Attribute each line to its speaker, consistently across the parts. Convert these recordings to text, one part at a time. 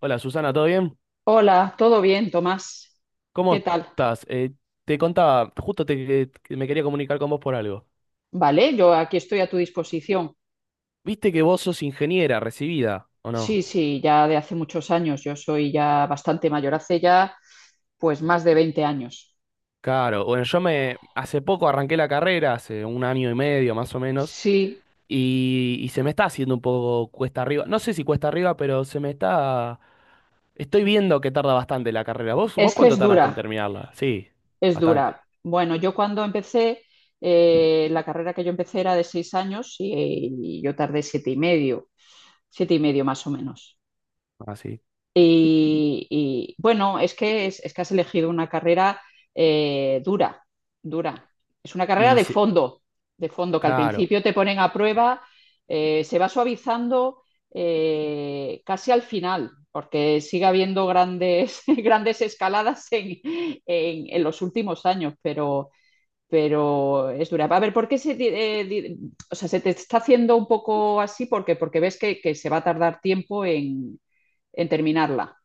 Speaker 1: Hola Susana, ¿todo bien?
Speaker 2: Hola, ¿todo bien, Tomás? ¿Qué
Speaker 1: ¿Cómo
Speaker 2: tal?
Speaker 1: estás? Te contaba, que me quería comunicar con vos por algo.
Speaker 2: Vale, yo aquí estoy a tu disposición.
Speaker 1: ¿Viste que vos sos ingeniera recibida o
Speaker 2: Sí,
Speaker 1: no?
Speaker 2: sí, ya de hace muchos años. Yo soy ya bastante mayor, hace ya pues más de 20 años.
Speaker 1: Claro, bueno, yo me hace poco arranqué la carrera, hace un año y medio más o menos,
Speaker 2: Sí,
Speaker 1: y se me está haciendo un poco cuesta arriba. No sé si cuesta arriba, pero se me está... Estoy viendo que tarda bastante la carrera. ¿Vos
Speaker 2: es que
Speaker 1: cuánto
Speaker 2: es
Speaker 1: tardaste en
Speaker 2: dura,
Speaker 1: terminarla? Sí,
Speaker 2: es
Speaker 1: bastante.
Speaker 2: dura. Bueno, yo cuando empecé, la carrera que yo empecé era de 6 años y yo tardé siete y medio más o menos.
Speaker 1: Así.
Speaker 2: Bueno, es, que has elegido una carrera dura, dura. Es una carrera
Speaker 1: Y se-
Speaker 2: de fondo, que al
Speaker 1: claro.
Speaker 2: principio te ponen a prueba, se va suavizando casi al final, porque sigue habiendo grandes, grandes escaladas en los últimos años, pero es dura. A ver, ¿por qué se, di- di, o sea, ¿se te está haciendo un poco así? Porque, porque ves que se va a tardar tiempo en terminarla.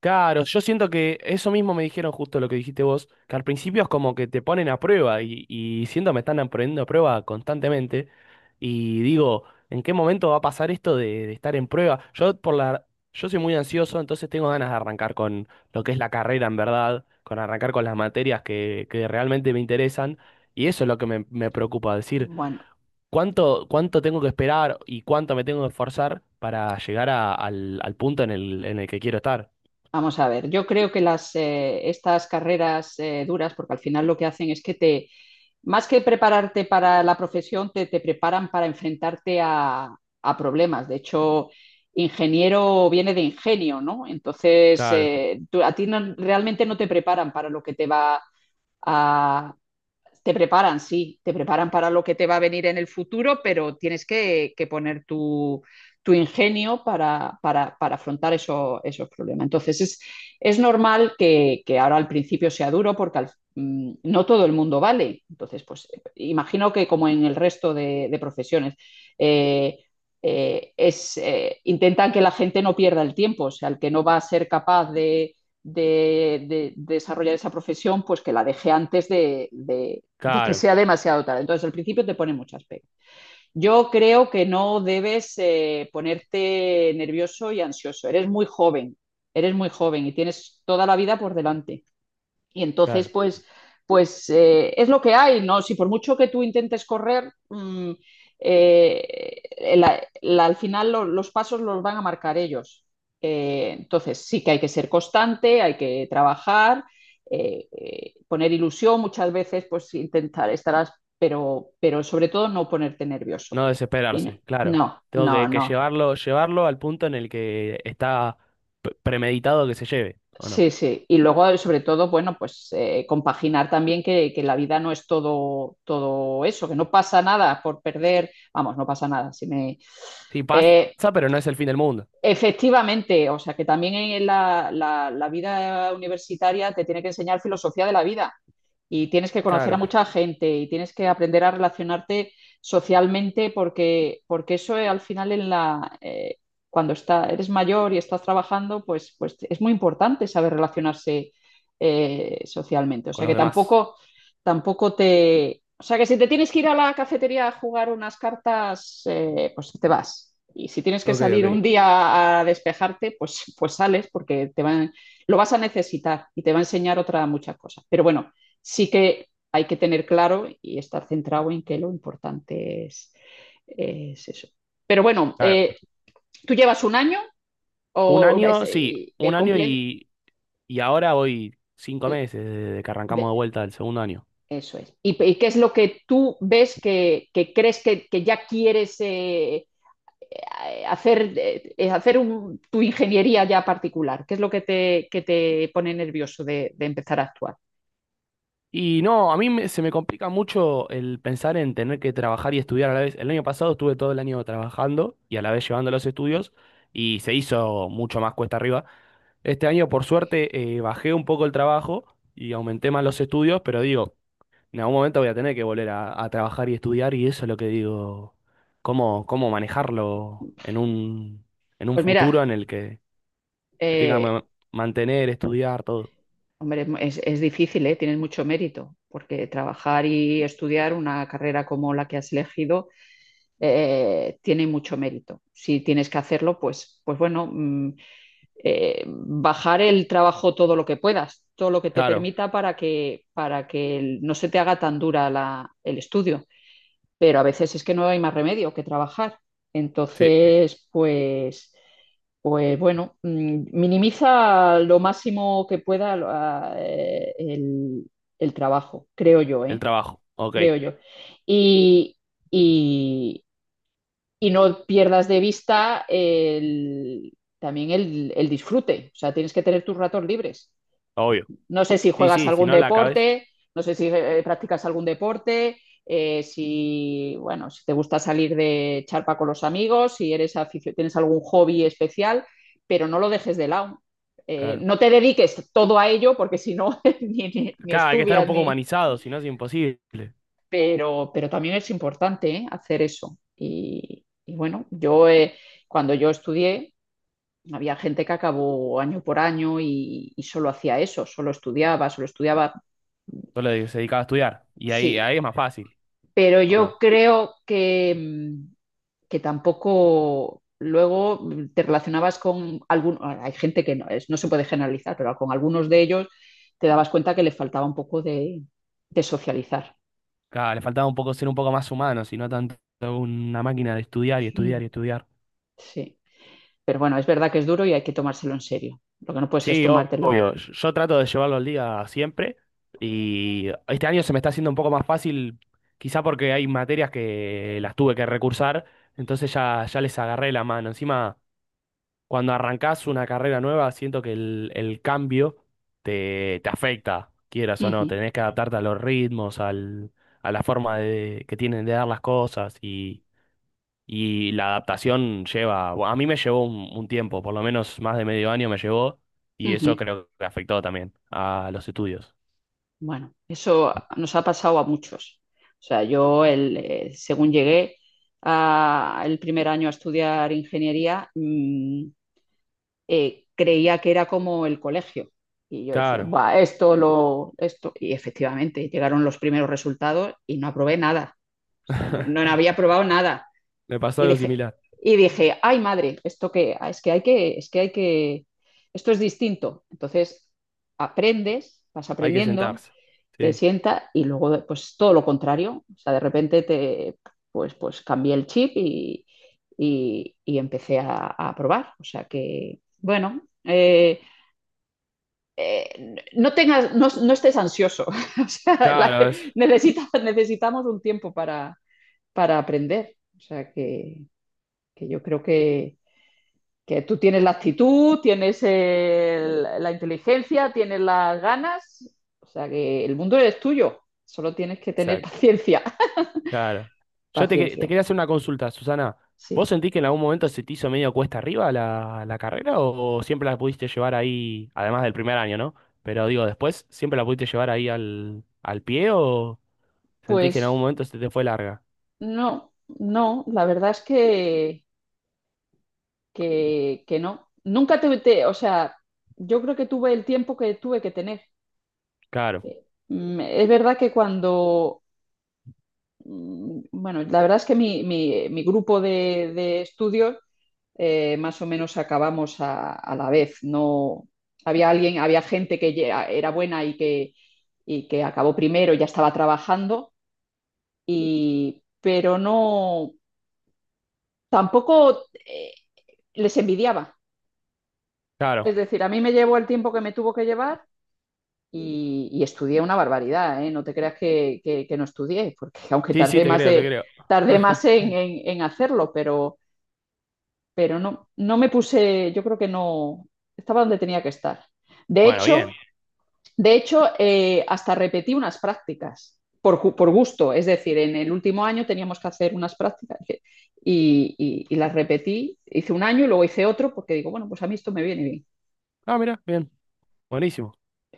Speaker 1: Claro, yo siento que eso mismo me dijeron justo lo que dijiste vos, que al principio es como que te ponen a prueba y siento me están poniendo a prueba constantemente y digo, ¿en qué momento va a pasar esto de estar en prueba? Yo soy muy ansioso, entonces tengo ganas de arrancar con lo que es la carrera en verdad, con arrancar con las materias que realmente me interesan y eso es lo que me preocupa, decir,
Speaker 2: Bueno,
Speaker 1: ¿cuánto tengo que esperar y cuánto me tengo que esforzar para llegar al punto en el que quiero estar?
Speaker 2: vamos a ver. Yo creo que estas carreras duras, porque al final lo que hacen es que más que prepararte para la profesión, te preparan para enfrentarte a problemas. De hecho, ingeniero viene de ingenio, ¿no? Entonces,
Speaker 1: Claro.
Speaker 2: tú- a ti no- realmente no te preparan para lo que te va a, te preparan, sí, te preparan para lo que te va a venir en el futuro, pero tienes que poner tu, tu ingenio para afrontar eso, esos problemas. Entonces, es normal ahora al principio sea duro porque no todo el mundo vale. Entonces, pues imagino que como en el resto de profesiones, eh, intentan que la gente no pierda el tiempo, o sea, el que no va a ser capaz de desarrollar esa profesión, pues que la deje de que
Speaker 1: Claro,
Speaker 2: sea demasiado tarde. Entonces, al principio te pone muchas pegas. Yo creo que no debes ponerte nervioso y ansioso. Eres muy joven y tienes toda la vida por delante. Y entonces,
Speaker 1: claro.
Speaker 2: es lo que hay, ¿no? Si por mucho que tú intentes correr, al final los pasos los van a marcar ellos. Entonces, sí que hay que ser constante, hay que trabajar, poner ilusión muchas veces, pues intentar estarás, pero sobre todo no ponerte nervioso.
Speaker 1: No desesperarse,
Speaker 2: Tiene-
Speaker 1: claro.
Speaker 2: No,
Speaker 1: Tengo
Speaker 2: no,
Speaker 1: que
Speaker 2: no,
Speaker 1: llevarlo al punto en el que está premeditado que se lleve, ¿o
Speaker 2: sí,
Speaker 1: no?
Speaker 2: sí. Y luego, sobre todo, bueno, compaginar también que la vida no es todo, todo eso, que no pasa nada por perder, vamos, no pasa nada. Si me...
Speaker 1: Sí, pasa,
Speaker 2: Eh,
Speaker 1: pero no es el fin del mundo.
Speaker 2: Efectivamente, o sea, que también en la vida universitaria te tiene que enseñar filosofía de la vida y tienes que conocer a
Speaker 1: Claro,
Speaker 2: mucha gente y tienes que aprender a relacionarte socialmente porque, porque eso al final cuando está, eres mayor y estás trabajando, pues, pues es muy importante saber relacionarse socialmente. O
Speaker 1: con
Speaker 2: sea
Speaker 1: los
Speaker 2: que
Speaker 1: demás.
Speaker 2: tampoco, tampoco te... O sea que si te tienes que ir a la cafetería a jugar unas cartas, pues te vas. Y si tienes que
Speaker 1: Ok,
Speaker 2: salir un
Speaker 1: ok.
Speaker 2: día a despejarte, pues, pues sales porque te van, lo vas a necesitar y te va a enseñar otra muchas cosas. Pero bueno, sí que hay que tener claro y estar centrado en que lo importante es eso. Pero bueno,
Speaker 1: Claro.
Speaker 2: tú llevas un año
Speaker 1: Un
Speaker 2: o una- es,
Speaker 1: año, sí,
Speaker 2: comple-
Speaker 1: y ahora voy cinco
Speaker 2: el-
Speaker 1: meses desde que arrancamos
Speaker 2: de-
Speaker 1: de vuelta del segundo año.
Speaker 2: eso es. Y, y ¿qué es lo que tú ves que crees que ya quieres hacer tu ingeniería ya particular? ¿Qué es lo que que te pone nervioso de empezar a actuar?
Speaker 1: Y no, se me complica mucho el pensar en tener que trabajar y estudiar a la vez. El año pasado estuve todo el año trabajando y a la vez llevando los estudios y se hizo mucho más cuesta arriba. Este año, por suerte, bajé un poco el trabajo y aumenté más los estudios, pero digo, en algún momento voy a tener que volver a trabajar y estudiar y eso es lo que digo, cómo manejarlo en un
Speaker 2: Pues mira,
Speaker 1: futuro en el que tenga
Speaker 2: eh,
Speaker 1: mantener, estudiar, todo.
Speaker 2: hombre, es difícil, ¿eh? Tienes mucho mérito, porque trabajar y estudiar una carrera como la que has elegido tiene mucho mérito. Si tienes que hacerlo, pues, bajar el trabajo todo lo que puedas, todo lo que te
Speaker 1: Claro,
Speaker 2: permita para que no se te haga tan dura el estudio, pero a veces es que no hay más remedio que trabajar.
Speaker 1: sí,
Speaker 2: Entonces, pues, minimiza lo máximo que pueda el trabajo, creo yo,
Speaker 1: el
Speaker 2: ¿eh?
Speaker 1: trabajo, ok,
Speaker 2: Creo yo. Y, y- y no pierdas de vista también el disfrute, o sea, tienes que tener tus ratos libres.
Speaker 1: obvio.
Speaker 2: No sé si
Speaker 1: Sí,
Speaker 2: juegas
Speaker 1: sí, si
Speaker 2: algún
Speaker 1: no la acabes,
Speaker 2: deporte, no sé si practicas algún deporte, si, bueno, si te gusta salir de charpa con los amigos, si eres tienes algún hobby especial, pero no lo dejes de lado.
Speaker 1: claro.
Speaker 2: No te dediques todo a ello porque si no, ni
Speaker 1: Claro, hay que estar un
Speaker 2: estudias,
Speaker 1: poco
Speaker 2: ni...
Speaker 1: humanizado, si no es imposible.
Speaker 2: Pero también es importante, ¿eh? Hacer eso. Y bueno, yo cuando yo estudié, había gente que acabó año por año y solo hacía eso, solo estudiaba, solo estudiaba.
Speaker 1: Se dedicaba a estudiar y ahí,
Speaker 2: Sí,
Speaker 1: ahí es más fácil,
Speaker 2: pero
Speaker 1: ¿o
Speaker 2: yo
Speaker 1: no?
Speaker 2: creo que, que tampoco luego te relacionabas con algunos, hay gente que no, es, no se puede generalizar, pero con algunos de ellos te dabas cuenta que le faltaba un poco de socializar.
Speaker 1: Claro, le faltaba un poco ser un poco más humano, si no tanto una máquina de estudiar y
Speaker 2: Mm.
Speaker 1: estudiar y estudiar.
Speaker 2: Sí, pero bueno, es verdad que es duro y hay que tomárselo en serio. Lo que no puedes es
Speaker 1: Sí,
Speaker 2: tomártelo.
Speaker 1: obvio. Yo trato de llevarlo al día siempre y este año se me está haciendo un poco más fácil, quizá porque hay materias que las tuve que recursar, entonces ya, ya les agarré la mano. Encima, cuando arrancás una carrera nueva, siento que el cambio te, te afecta, quieras o no.
Speaker 2: Ujú,
Speaker 1: Tenés que adaptarte a los ritmos, al, a la forma de, que tienen de dar las cosas. Y la adaptación lleva, a mí me llevó un tiempo, por lo menos más de medio año me llevó, y eso
Speaker 2: ujú.
Speaker 1: creo que afectó también a los estudios.
Speaker 2: Bueno, eso nos ha pasado a muchos. O sea, según llegué el primer año a estudiar ingeniería, creía que era como el colegio. Y yo decía,
Speaker 1: Claro,
Speaker 2: va, esto, lo, esto. Y efectivamente, llegaron los primeros resultados y no aprobé nada. No, no había probado nada.
Speaker 1: me pasó
Speaker 2: Y
Speaker 1: algo
Speaker 2: dije,
Speaker 1: similar.
Speaker 2: y dije, ay madre, esto que ah, es que hay que, es que hay que, esto es distinto. Entonces, aprendes, vas
Speaker 1: Hay que
Speaker 2: aprendiendo,
Speaker 1: sentarse.
Speaker 2: te
Speaker 1: Sí.
Speaker 2: sienta y luego pues todo lo contrario, o sea, de repente te, pues, pues cambié el chip y empecé a probar, o sea que, bueno. No tengas, no, no estés ansioso. O sea, la,
Speaker 1: Claro, es.
Speaker 2: necesita, necesitamos un tiempo para aprender. O sea que yo creo que tú tienes la actitud, tienes la inteligencia, tienes las ganas, o sea que el mundo es tuyo, solo tienes que tener
Speaker 1: Exacto,
Speaker 2: paciencia,
Speaker 1: claro. Yo te, te
Speaker 2: paciencia,
Speaker 1: quería hacer una consulta, Susana.
Speaker 2: sí.
Speaker 1: ¿Vos sentís que en algún momento se te hizo medio cuesta arriba la carrera o siempre la pudiste llevar ahí, además del primer año, ¿no? Pero digo, después, ¿siempre la pudiste llevar ahí al pie o sentís que en algún
Speaker 2: Pues
Speaker 1: momento se te fue larga?
Speaker 2: no, no, la verdad es que no. Nunca tuve, te- o sea, yo creo que tuve el tiempo que tuve que tener.
Speaker 1: Claro,
Speaker 2: Es verdad que cuando, bueno, la verdad es que mi grupo de estudios más o menos acabamos a la vez. No, había alguien, había gente que ya era buena y que acabó primero, ya estaba trabajando, y, pero no, tampoco les envidiaba.
Speaker 1: claro.
Speaker 2: Es decir, a mí me llevó el tiempo que me tuvo que llevar y estudié una barbaridad, ¿eh? No te creas que, que no estudié, porque aunque
Speaker 1: Sí, sí,
Speaker 2: tardé
Speaker 1: te
Speaker 2: más
Speaker 1: creo, te
Speaker 2: de,
Speaker 1: creo.
Speaker 2: tardé más en hacerlo, pero no, no me puse, yo creo que no, estaba donde tenía que estar. De
Speaker 1: Bueno,
Speaker 2: hecho,
Speaker 1: bien.
Speaker 2: de hecho, hasta repetí unas prácticas gusto. Es decir, en el último año teníamos que hacer unas prácticas las repetí. Hice un año y luego hice otro porque digo, bueno, pues a mí esto me viene
Speaker 1: Ah, mira, bien. Buenísimo.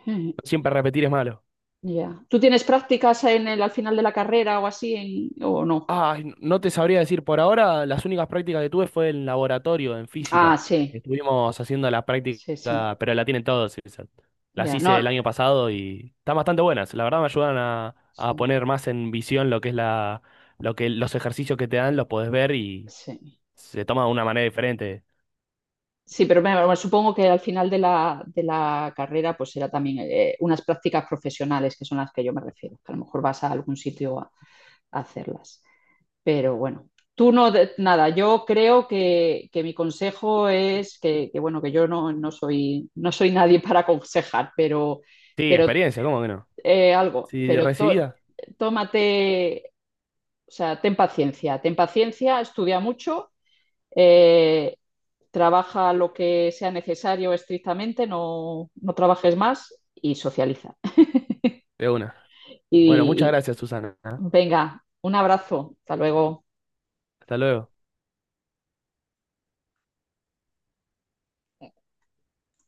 Speaker 2: bien.
Speaker 1: Siempre repetir es malo.
Speaker 2: Yeah. ¿Tú tienes prácticas en el, al final de la carrera o así en, o no?
Speaker 1: Ah, no te sabría decir, por ahora las únicas prácticas que tuve fue en laboratorio, en
Speaker 2: Ah,
Speaker 1: física.
Speaker 2: sí,
Speaker 1: Estuvimos haciendo las prácticas,
Speaker 2: sí, sí.
Speaker 1: pero la tienen todos esas.
Speaker 2: Ya,
Speaker 1: Las
Speaker 2: yeah,
Speaker 1: hice
Speaker 2: no.
Speaker 1: el año pasado y están bastante buenas. La verdad me ayudan a
Speaker 2: Sí,
Speaker 1: poner más en visión lo que es la, lo que los ejercicios que te dan, los podés ver y
Speaker 2: sí.
Speaker 1: se toma de una manera diferente.
Speaker 2: Sí, pero me- bueno, supongo que al final de la carrera pues será también unas prácticas profesionales que son las que yo me refiero, que a lo mejor vas a algún sitio a hacerlas. Pero bueno, tú no, de- nada, yo creo que mi consejo es que, bueno, que yo no, no soy, no soy nadie para aconsejar, pero,
Speaker 1: Sí,
Speaker 2: pero
Speaker 1: experiencia, ¿cómo que no?
Speaker 2: eh, algo,
Speaker 1: Sí,
Speaker 2: pero to-
Speaker 1: recibida,
Speaker 2: tómate, o sea, ten paciencia, estudia mucho. eh, Trabaja lo que sea necesario estrictamente, no, no trabajes más y socializa.
Speaker 1: de una. Bueno, muchas
Speaker 2: Y, y
Speaker 1: gracias, Susana. ¿Eh?
Speaker 2: venga, un abrazo, hasta luego.
Speaker 1: Hasta luego.